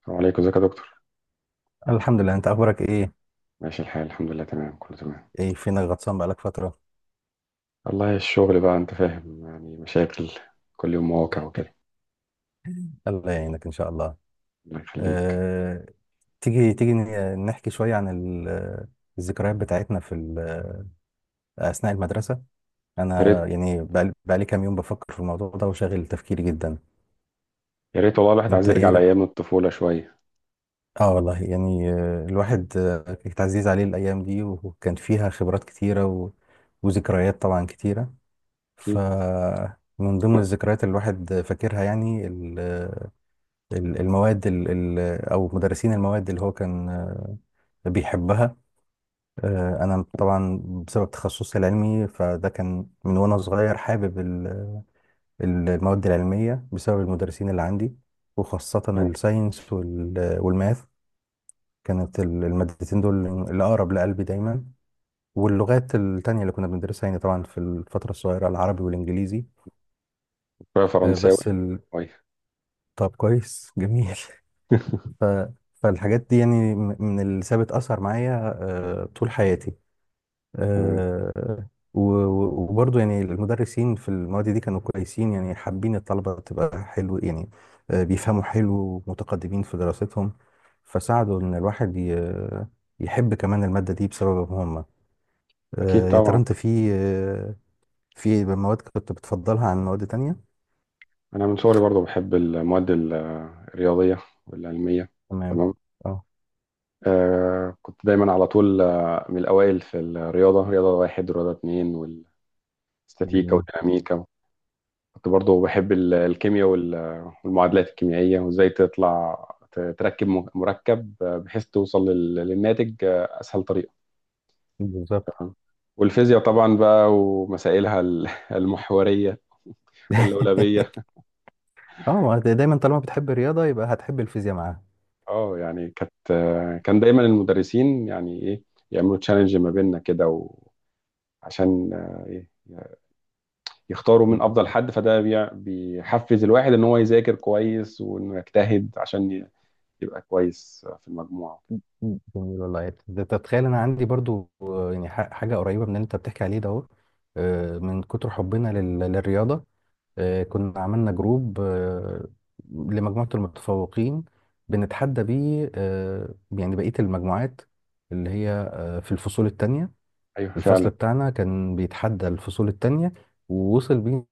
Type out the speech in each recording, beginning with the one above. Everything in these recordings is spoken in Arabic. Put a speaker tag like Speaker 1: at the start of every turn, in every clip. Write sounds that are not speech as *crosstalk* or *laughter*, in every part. Speaker 1: السلام عليكم، ازيك يا دكتور؟
Speaker 2: الحمد لله. انت اخبارك ايه؟
Speaker 1: ماشي الحال، الحمد لله، تمام، كله تمام.
Speaker 2: ايه فينك غطسان بقالك فتره؟
Speaker 1: والله الشغل بقى، انت فاهم، يعني مشاكل كل يوم، مواقع وكده.
Speaker 2: الله يعينك ان شاء الله.
Speaker 1: الله يخليك.
Speaker 2: أه... تيجي نحكي شويه عن الذكريات بتاعتنا في اثناء المدرسه.
Speaker 1: يا ريت،
Speaker 2: انا يعني بقالي كام يوم بفكر في الموضوع ده، وشاغل تفكيري جدا.
Speaker 1: يا ريت والله الواحد عايز
Speaker 2: انت
Speaker 1: يرجع
Speaker 2: ايه رأ-
Speaker 1: لايام الطفوله شويه.
Speaker 2: اه والله يعني، الواحد كانت عزيز عليه الايام دي، وكان فيها خبرات كتيره وذكريات طبعا كتيره. ف
Speaker 1: اكيد.
Speaker 2: من ضمن
Speaker 1: و-
Speaker 2: الذكريات اللي الواحد فاكرها يعني المواد او مدرسين المواد اللي هو كان بيحبها. انا طبعا بسبب تخصصي العلمي فده كان من وانا صغير حابب المواد العلميه بسبب المدرسين اللي عندي، وخاصه الساينس والماث. كانت المادتين دول اللي اقرب لقلبي دايما، واللغات التانية اللي كنا بندرسها يعني، طبعا في الفترة الصغيرة العربي والإنجليزي.
Speaker 1: شويه
Speaker 2: آه،
Speaker 1: فرنساوي.
Speaker 2: بس ال...
Speaker 1: شويه.
Speaker 2: طب كويس جميل.
Speaker 1: *laughs*
Speaker 2: ف... فالحاجات دي يعني من اللي سابت أثر معايا طول حياتي.
Speaker 1: تمام.
Speaker 2: آه، وبرضه يعني المدرسين في المواد دي كانوا كويسين، يعني حابين الطلبة تبقى حلو يعني. بيفهموا حلو ومتقدمين في دراستهم، فساعدوا إن الواحد يحب كمان المادة دي بسببهم هم.
Speaker 1: اكيد
Speaker 2: يا ترى
Speaker 1: طبعا.
Speaker 2: أنت في في مواد كنت بتفضلها عن مواد تانية؟
Speaker 1: انا من صغري برضو بحب المواد الرياضيه والعلميه.
Speaker 2: تمام.
Speaker 1: تمام.
Speaker 2: اه.
Speaker 1: آه، كنت دايما على طول، من الاوائل في الرياضه، رياضه واحد ورياضه اتنين، والاستاتيكا
Speaker 2: جميل.
Speaker 1: والديناميكا. كنت برضو بحب الكيمياء والمعادلات الكيميائية، وازاي تطلع تركب مركب، بحيث توصل للناتج أسهل طريقة
Speaker 2: بالظبط.
Speaker 1: آه. والفيزياء طبعا بقى، ومسائلها *laughs* المحورية
Speaker 2: *laughs*
Speaker 1: واللولبية.
Speaker 2: اه، ما أنت دايما طالما بتحب الرياضه يبقى هتحب الفيزياء معاها.
Speaker 1: اه، يعني كان دايما المدرسين، يعني ايه، يعملوا تشالنج ما بيننا كده. عشان آه، إيه، يختاروا من افضل
Speaker 2: جميل.
Speaker 1: حد، فده بيحفز الواحد ان هو يذاكر كويس، وانه يجتهد عشان يبقى كويس في المجموعة.
Speaker 2: جميل والله. ده تتخيل انا عندي برضو، يعني حاجه قريبه من اللي انت بتحكي عليه ده اهو. من كتر حبنا للرياضه، كنا عملنا جروب لمجموعه المتفوقين، بنتحدى بيه يعني بقيه المجموعات اللي هي في الفصول التانية.
Speaker 1: ايوه،
Speaker 2: الفصل
Speaker 1: فعلا.
Speaker 2: بتاعنا كان بيتحدى الفصول التانية، ووصل بيه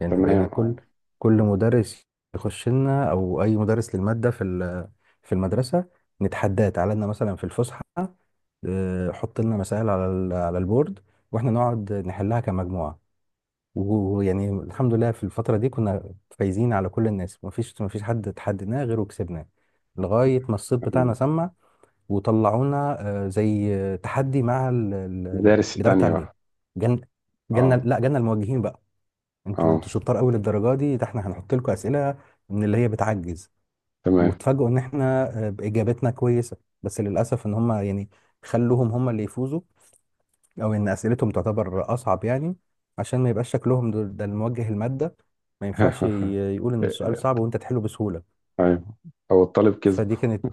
Speaker 2: يعني
Speaker 1: تمام،
Speaker 2: بقينا
Speaker 1: اه.
Speaker 2: كل مدرس يخش لنا، او اي مدرس للماده في في المدرسه، نتحداه تعالى لنا مثلا في الفسحه. حط لنا مسائل على على البورد، واحنا نقعد نحلها كمجموعه. ويعني الحمد لله في الفتره دي كنا فايزين على كل الناس، مفيش حد اتحدناه غير وكسبناه، لغايه ما الصيت بتاعنا سمع وطلعونا زي تحدي مع
Speaker 1: المدارس
Speaker 2: الاداره
Speaker 1: التانية
Speaker 2: التعليميه.
Speaker 1: بقى.
Speaker 2: جالنا،
Speaker 1: اه،
Speaker 2: لا جالنا الموجهين بقى. انتوا
Speaker 1: اه،
Speaker 2: انتوا شطار قوي للدرجه دي؟ ده احنا هنحط لكم اسئله من اللي هي بتعجز.
Speaker 1: تمام.
Speaker 2: وتفاجئوا ان احنا باجابتنا كويسه، بس للاسف ان هم يعني خلوهم هم اللي يفوزوا، او ان اسئلتهم تعتبر اصعب يعني عشان ما يبقاش شكلهم ده الموجه الماده ما ينفعش
Speaker 1: *laughs*
Speaker 2: يقول ان السؤال صعب وانت تحله بسهوله.
Speaker 1: ايوه، او الطالب كذب.
Speaker 2: فدي كانت،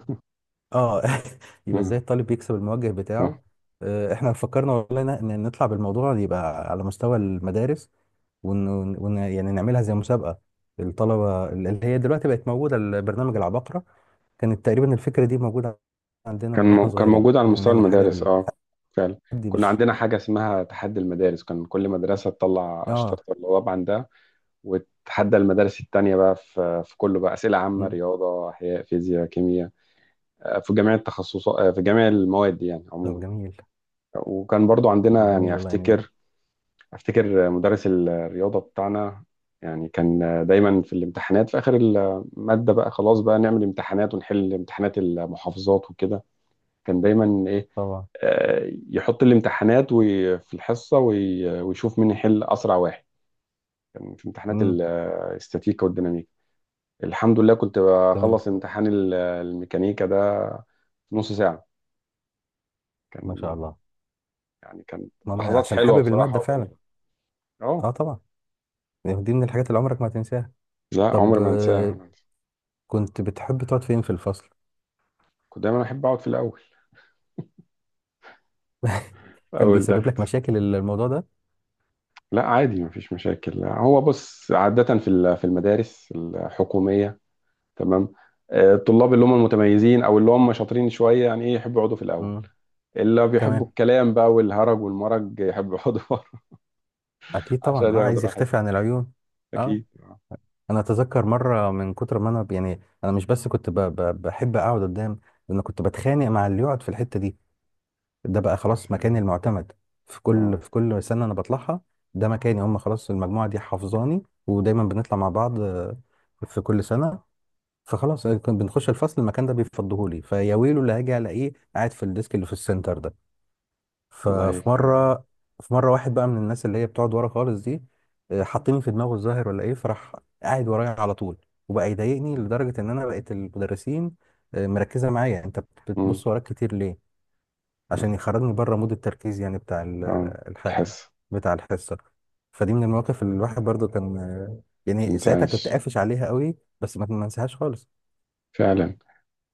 Speaker 2: اه *laughs* يبقى ازاي
Speaker 1: مم.
Speaker 2: الطالب يكسب الموجه
Speaker 1: آه.
Speaker 2: بتاعه. احنا فكرنا والله ان نطلع بالموضوع يبقى على مستوى المدارس، ون... يعني نعملها زي مسابقة الطلبة، اللي هي دلوقتي بقت موجودة البرنامج العباقرة. كانت تقريبا الفكرة دي موجودة عندنا من واحنا
Speaker 1: كان
Speaker 2: صغيرين،
Speaker 1: موجود على
Speaker 2: إن احنا
Speaker 1: مستوى
Speaker 2: نعمل حاجة
Speaker 1: المدارس،
Speaker 2: بالحد.
Speaker 1: اه فعلا. كنا
Speaker 2: بش
Speaker 1: عندنا حاجة اسمها تحدي المدارس، كان كل مدرسة تطلع أشطر
Speaker 2: اه.
Speaker 1: طلاب عندها. وتحدى المدارس التانية بقى في كله بقى، أسئلة عامة،
Speaker 2: مم.
Speaker 1: رياضة، أحياء، فيزياء، كيمياء. في جميع التخصصات، في جميع المواد يعني عموما.
Speaker 2: طب جميل.
Speaker 1: وكان برضو عندنا
Speaker 2: جميل
Speaker 1: يعني
Speaker 2: والله يعني.
Speaker 1: افتكر مدرس الرياضه بتاعنا، يعني كان دايما في الامتحانات في اخر الماده بقى خلاص، بقى نعمل امتحانات ونحل امتحانات المحافظات وكده. كان دايما ايه،
Speaker 2: طبعا.
Speaker 1: يحط الامتحانات في الحصه ويشوف مين يحل اسرع واحد. كان في امتحانات
Speaker 2: مم.
Speaker 1: الاستاتيكا والديناميكا. الحمد لله كنت
Speaker 2: تمام.
Speaker 1: بخلص امتحان الميكانيكا ده في نص ساعه.
Speaker 2: ما شاء
Speaker 1: كان
Speaker 2: الله.
Speaker 1: يعني كانت
Speaker 2: ماما
Speaker 1: لحظات
Speaker 2: عشان
Speaker 1: حلوه
Speaker 2: حابب
Speaker 1: بصراحه
Speaker 2: المادة فعلا.
Speaker 1: وجميله.
Speaker 2: اه
Speaker 1: اه،
Speaker 2: طبعا. يعني دي من الحاجات اللي عمرك ما هتنساها.
Speaker 1: لا
Speaker 2: طب
Speaker 1: عمري ما انساها.
Speaker 2: كنت بتحب تقعد فين في الفصل؟
Speaker 1: كنت دايما احب اقعد في الاول،
Speaker 2: كان
Speaker 1: أو
Speaker 2: بيسبب
Speaker 1: الضغط.
Speaker 2: لك مشاكل الموضوع ده؟
Speaker 1: لا، عادي مفيش مشاكل، هو بص، عادة في في المدارس الحكومية. تمام. الطلاب اللي هم المتميزين أو اللي هم شاطرين شوية، يعني إيه، يحبوا يقعدوا في الأول.
Speaker 2: مم.
Speaker 1: اللي بيحبوا
Speaker 2: تمام.
Speaker 1: الكلام بقى والهرج والمرج يحبوا يقعدوا *laughs* ورا،
Speaker 2: اكيد طبعا.
Speaker 1: عشان
Speaker 2: اه،
Speaker 1: ياخدوا
Speaker 2: عايز
Speaker 1: راحتهم.
Speaker 2: يختفي عن العيون. اه.
Speaker 1: أكيد.
Speaker 2: انا اتذكر مره، من كتر ما انا يعني انا مش بس كنت بحب اقعد قدام، انا كنت بتخانق مع اللي يقعد في الحته دي. ده بقى
Speaker 1: يا
Speaker 2: خلاص
Speaker 1: سلام.
Speaker 2: مكاني المعتمد
Speaker 1: أه،
Speaker 2: في كل سنه انا بطلعها. ده مكاني هم، خلاص المجموعه دي حافظاني ودايما بنطلع مع بعض في كل سنه. فخلاص كنا بنخش الفصل، المكان ده بيفضهولي فيا، ويلو اللي هاجي الاقيه قاعد في الديسك اللي في السنتر ده.
Speaker 1: والله
Speaker 2: ففي
Speaker 1: هيك، آه،
Speaker 2: مره في مره واحد بقى من الناس اللي هي بتقعد ورا خالص دي، حاطيني في دماغه الظاهر ولا ايه، فراح قاعد ورايا على طول، وبقى يضايقني لدرجه ان انا بقيت المدرسين مركزه معايا: انت
Speaker 1: آه،
Speaker 2: بتبص وراك كتير ليه؟
Speaker 1: آه،
Speaker 2: عشان يخرجني بره مود التركيز يعني بتاع
Speaker 1: آه.
Speaker 2: الح...
Speaker 1: الحس
Speaker 2: بتاع الحصه. فدي من المواقف اللي الواحد برضو كان
Speaker 1: ما
Speaker 2: يعني ساعتها كنت
Speaker 1: تنساش،
Speaker 2: قافش عليها قوي، بس ما انساهاش خالص.
Speaker 1: فعلا.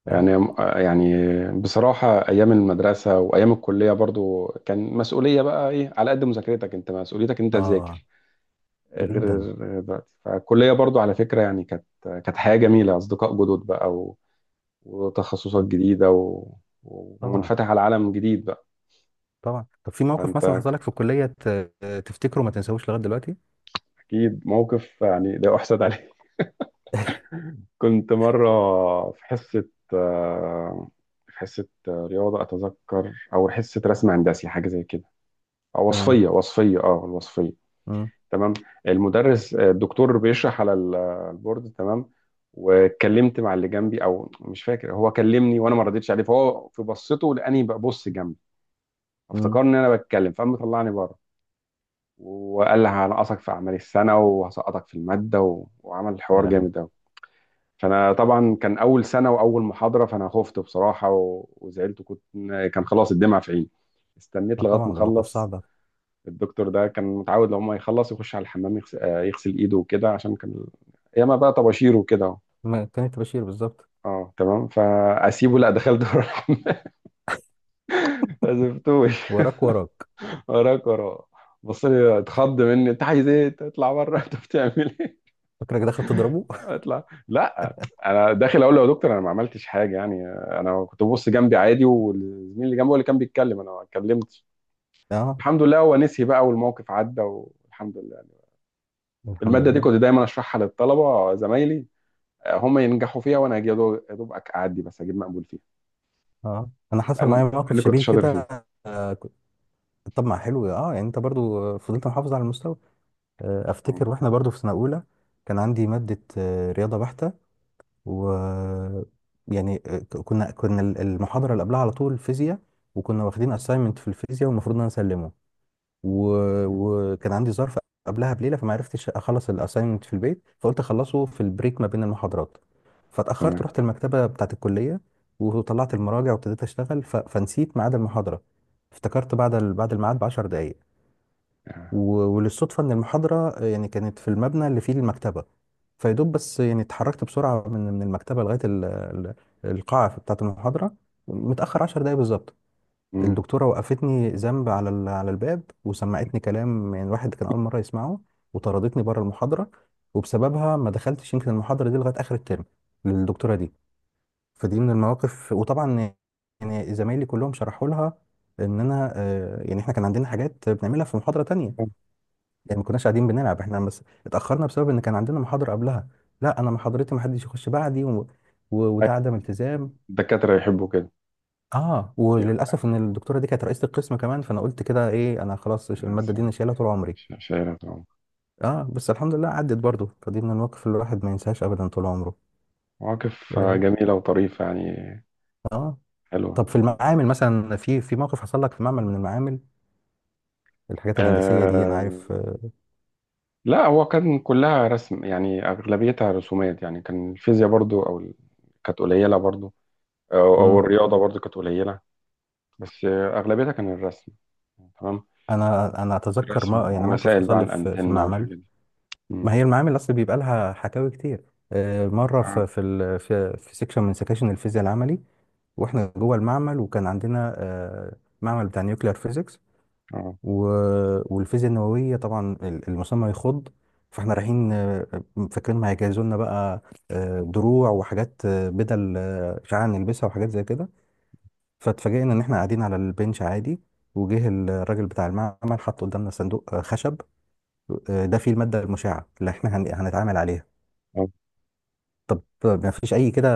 Speaker 2: اه.
Speaker 1: يعني يعني بصراحة أيام المدرسة وأيام الكلية برضو كان مسؤولية بقى، إيه، على قد مذاكرتك أنت، مسؤوليتك أنت
Speaker 2: اه.
Speaker 1: تذاكر. غير
Speaker 2: جدا.
Speaker 1: غير دلوقتي. فالكلية برضو، على فكرة يعني، كانت حياة جميلة، أصدقاء جدد بقى وتخصصات جديدة
Speaker 2: طبعا.
Speaker 1: ومنفتح على عالم جديد بقى.
Speaker 2: طبعا. طب في موقف
Speaker 1: فأنت.
Speaker 2: مثلا حصل لك في الكلية تفتكره ما تنساهوش لغاية دلوقتي؟
Speaker 1: أكيد موقف يعني لا أحسد عليه.
Speaker 2: *laughs*
Speaker 1: *laughs* كنت مرة في حصة آه، في حصة رياضة أتذكر، أو حصة رسم هندسي، حاجة زي كده.
Speaker 2: تمام.
Speaker 1: وصفية وصفية اه الوصفية.
Speaker 2: مم.
Speaker 1: تمام. المدرس آه، الدكتور بيشرح على البورد. تمام. واتكلمت مع اللي جنبي، او مش فاكر، هو كلمني وانا ما ردتش عليه، فهو في بصته لاني ببص جنبي
Speaker 2: مم.
Speaker 1: افتكر ان انا بتكلم، فقام طلعني بره. وقال لي هنقصك في اعمال السنه وهسقطك في الماده، وعمل
Speaker 2: يا
Speaker 1: حوار
Speaker 2: لهوي.
Speaker 1: جامد قوي. فانا طبعا كان اول سنه واول محاضره، فانا خفت بصراحه وزعلت، كنت، كان خلاص الدمع في عيني. استنيت
Speaker 2: اه
Speaker 1: لغايه ما
Speaker 2: طبعا ده موقف
Speaker 1: اخلص.
Speaker 2: صعب.
Speaker 1: الدكتور ده كان متعود لو ما يخلص يخش على الحمام يغسل ايده وكده، عشان كان ياما بقى طباشير وكده اهو.
Speaker 2: ما كانت بشير بالظبط.
Speaker 1: اه تمام، فاسيبه؟ لا، دخلت ورا الحمام. *laughs* ما سبتوش.
Speaker 2: وراك.
Speaker 1: *laughs* وراك وراه. بص لي، اتخض مني، انت عايز ايه، تطلع بره؟ *laughs* انت بتعمل ايه؟
Speaker 2: فاكرك دخلت تضربه؟
Speaker 1: اطلع؟ لا، انا داخل اقول له: يا دكتور، انا ما عملتش حاجه، يعني انا كنت ببص جنبي عادي، والزميل اللي جنبي هو اللي كان بيتكلم، انا ما اتكلمتش.
Speaker 2: *laughs* اه.
Speaker 1: الحمد لله هو نسي بقى، والموقف عدى والحمد لله.
Speaker 2: الحمد
Speaker 1: الماده دي
Speaker 2: لله.
Speaker 1: كنت دايما اشرحها للطلبه زمايلي، هم ينجحوا فيها وانا اجي يا دوب يا دوب اعدي بس، اجيب مقبول فيها.
Speaker 2: اه انا حصل معايا
Speaker 1: مع
Speaker 2: موقف
Speaker 1: اني كنت
Speaker 2: شبيه
Speaker 1: شاطر
Speaker 2: كده.
Speaker 1: فيها.
Speaker 2: آه كنت- طب ما حلو، اه يعني انت برضو فضلت محافظ على المستوى. آه افتكر
Speaker 1: مم.
Speaker 2: واحنا برضو في سنة اولى كان عندي مادة آه رياضة بحتة، و يعني كنا المحاضرة اللي قبلها على طول فيزياء، وكنا واخدين assignment في الفيزياء والمفروض ان انا اسلمه، و...
Speaker 1: تمام،
Speaker 2: وكان عندي ظرف قبلها بليلة، فما عرفتش اخلص الاساينمنت في البيت، فقلت اخلصه في البريك ما بين المحاضرات. فاتأخرت،
Speaker 1: تمام.
Speaker 2: رحت المكتبة بتاعة الكلية وطلعت المراجع وابتديت اشتغل، فنسيت ميعاد المحاضرة. افتكرت بعد بعد الميعاد ب 10 دقايق.
Speaker 1: يعني-
Speaker 2: وللصدفة إن المحاضرة يعني كانت في المبنى اللي فيه المكتبة، فيدوب بس يعني اتحركت بسرعة من المكتبة لغاية القاعة بتاعة المحاضرة. متأخر عشر دقايق بالظبط.
Speaker 1: مم.
Speaker 2: الدكتورة وقفتني ذنب على على الباب، وسمعتني كلام يعني الواحد كان أول مرة يسمعه، وطردتني بره المحاضرة. وبسببها ما دخلتش يمكن المحاضرة دي لغاية آخر الترم للدكتورة دي. فدي من المواقف. وطبعا يعني زمايلي كلهم شرحوا لها ان انا يعني احنا كان عندنا حاجات بنعملها في محاضرة تانية، يعني ما كناش قاعدين بنلعب احنا بس، اتاخرنا بسبب ان كان عندنا محاضره قبلها. لا، انا محاضرتي ما حدش يخش بعدي، وده عدم التزام.
Speaker 1: الدكاترة يحبوا كده.
Speaker 2: اه،
Speaker 1: أيوة.
Speaker 2: وللاسف ان الدكتوره دي كانت رئيسه القسم كمان، فانا قلت كده ايه، انا خلاص
Speaker 1: آه،
Speaker 2: الماده دي انا شايلها طول عمري.
Speaker 1: شاعرة طبعا.
Speaker 2: اه، بس الحمد لله عدت برضو. فدي من المواقف اللي الواحد ما ينساهاش ابدا طول عمره.
Speaker 1: مواقف
Speaker 2: اه.
Speaker 1: جميلة وطريفة يعني.
Speaker 2: آه.
Speaker 1: حلوة.
Speaker 2: طب في المعامل مثلا، في في موقف حصل لك في معمل من المعامل، الحاجات الهندسيه دي، انا
Speaker 1: آه،
Speaker 2: عارف
Speaker 1: لا هو كان كلها رسم، يعني أغلبيتها رسومات يعني. كان الفيزياء برضو كانت قليلة برضو، أو
Speaker 2: مم.
Speaker 1: الرياضة برضو كانت قليلة. بس أغلبيتها كان الرسم. تمام.
Speaker 2: انا انا اتذكر
Speaker 1: رسم
Speaker 2: ما يعني موقف
Speaker 1: ومسائل بقى
Speaker 2: حصل
Speaker 1: عن
Speaker 2: لي في
Speaker 1: الأنتنة
Speaker 2: معمل.
Speaker 1: والحاجات دي.
Speaker 2: ما
Speaker 1: مم.
Speaker 2: هي المعامل اصل بيبقى لها حكاوي كتير. مره
Speaker 1: اه.
Speaker 2: في في في سيكشن من سكاشن الفيزياء العملي، واحنا جوه المعمل، وكان عندنا معمل بتاع نيوكلير فيزيكس.
Speaker 1: اه.
Speaker 2: والفيزياء النوويه طبعا المسمى يخض. فاحنا رايحين فاكرين ما هيجهزوا لنا بقى دروع وحاجات بدل اشعاع، نلبسها وحاجات زي كده. فاتفاجئنا ان احنا قاعدين على البنش عادي، وجه الراجل بتاع المعمل حط قدامنا صندوق خشب، ده فيه الماده المشعه اللي احنا هنتعامل عليها.
Speaker 1: آه.
Speaker 2: ما فيش اي كده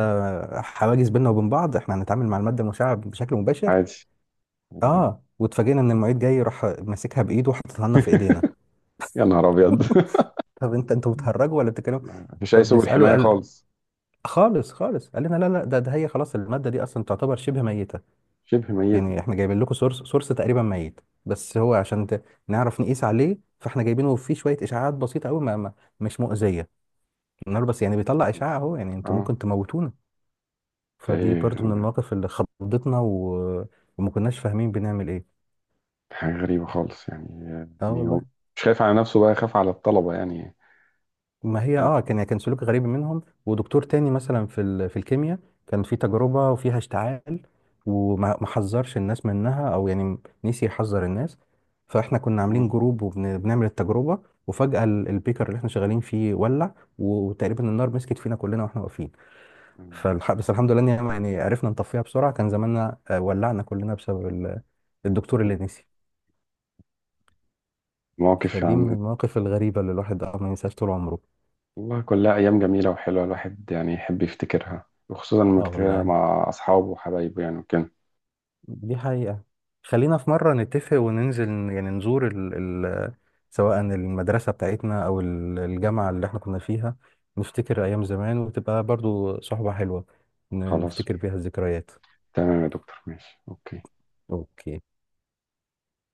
Speaker 2: حواجز بيننا وبين بعض، احنا هنتعامل مع الماده المشعه بشكل مباشر.
Speaker 1: عادي. ده.
Speaker 2: اه، واتفاجئنا ان المعيد جاي راح ماسكها بايده وحاططها لنا في ايدينا.
Speaker 1: *laughs* يا نهار ابيض. *laughs*
Speaker 2: طب انت انتوا بتهرجوا ولا بتتكلموا؟
Speaker 1: مفيش اي سبل
Speaker 2: فبنساله،
Speaker 1: حمايه
Speaker 2: قال
Speaker 1: خالص.
Speaker 2: خالص خالص، قال لنا لا لا ده ده هي خلاص الماده دي اصلا تعتبر شبه ميته.
Speaker 1: شبه ميته.
Speaker 2: يعني احنا جايبين لكم سورس تقريبا ميت، بس هو عشان نعرف نقيس عليه فاحنا جايبينه، فيه شويه اشعاعات بسيطه قوي، ما ما مش مؤذيه. النهار بس يعني بيطلع اشعاع اهو، يعني انتوا
Speaker 1: اه،
Speaker 2: ممكن تموتونا.
Speaker 1: ده
Speaker 2: فدي
Speaker 1: ايه
Speaker 2: برضو من
Speaker 1: ده؟
Speaker 2: المواقف اللي خضتنا، وما كناش فاهمين بنعمل ايه.
Speaker 1: حاجه غريبه خالص يعني
Speaker 2: اه
Speaker 1: يعني هو
Speaker 2: والله.
Speaker 1: مش خايف على نفسه بقى، خايف على الطلبه يعني.
Speaker 2: ما هي اه كان يعني كان سلوك غريب منهم. ودكتور تاني مثلا في في الكيمياء، كان في تجربة وفيها اشتعال، وما ما حذرش الناس منها، او يعني نسي يحذر الناس. فاحنا كنا
Speaker 1: مم.
Speaker 2: عاملين جروب وبنعمل التجربة، وفجأة البيكر اللي احنا شغالين فيه ولع، وتقريبا النار مسكت فينا كلنا واحنا واقفين. بس الحمد لله إن يعني عرفنا نطفيها بسرعة، كان زماننا ولعنا كلنا بسبب الدكتور اللي نسي.
Speaker 1: مواقف
Speaker 2: فدي من
Speaker 1: يعني.
Speaker 2: المواقف الغريبة اللي الواحد اه ما ينساش طول عمره.
Speaker 1: والله كلها ايام جميله وحلوه، الواحد يعني يحب يفتكرها، وخصوصا لما
Speaker 2: اه
Speaker 1: يفتكرها
Speaker 2: والله،
Speaker 1: مع اصحابه وحبايبه يعني وكده.
Speaker 2: دي حقيقة. خلينا في مرة نتفق وننزل يعني نزور ال ال سواء المدرسة بتاعتنا أو الجامعة اللي احنا كنا فيها، نفتكر أيام زمان، وتبقى برضو صحبة حلوة،
Speaker 1: خلاص،
Speaker 2: نفتكر بيها الذكريات.
Speaker 1: تمام يا دكتور، ماشي، اوكي.
Speaker 2: اوكي.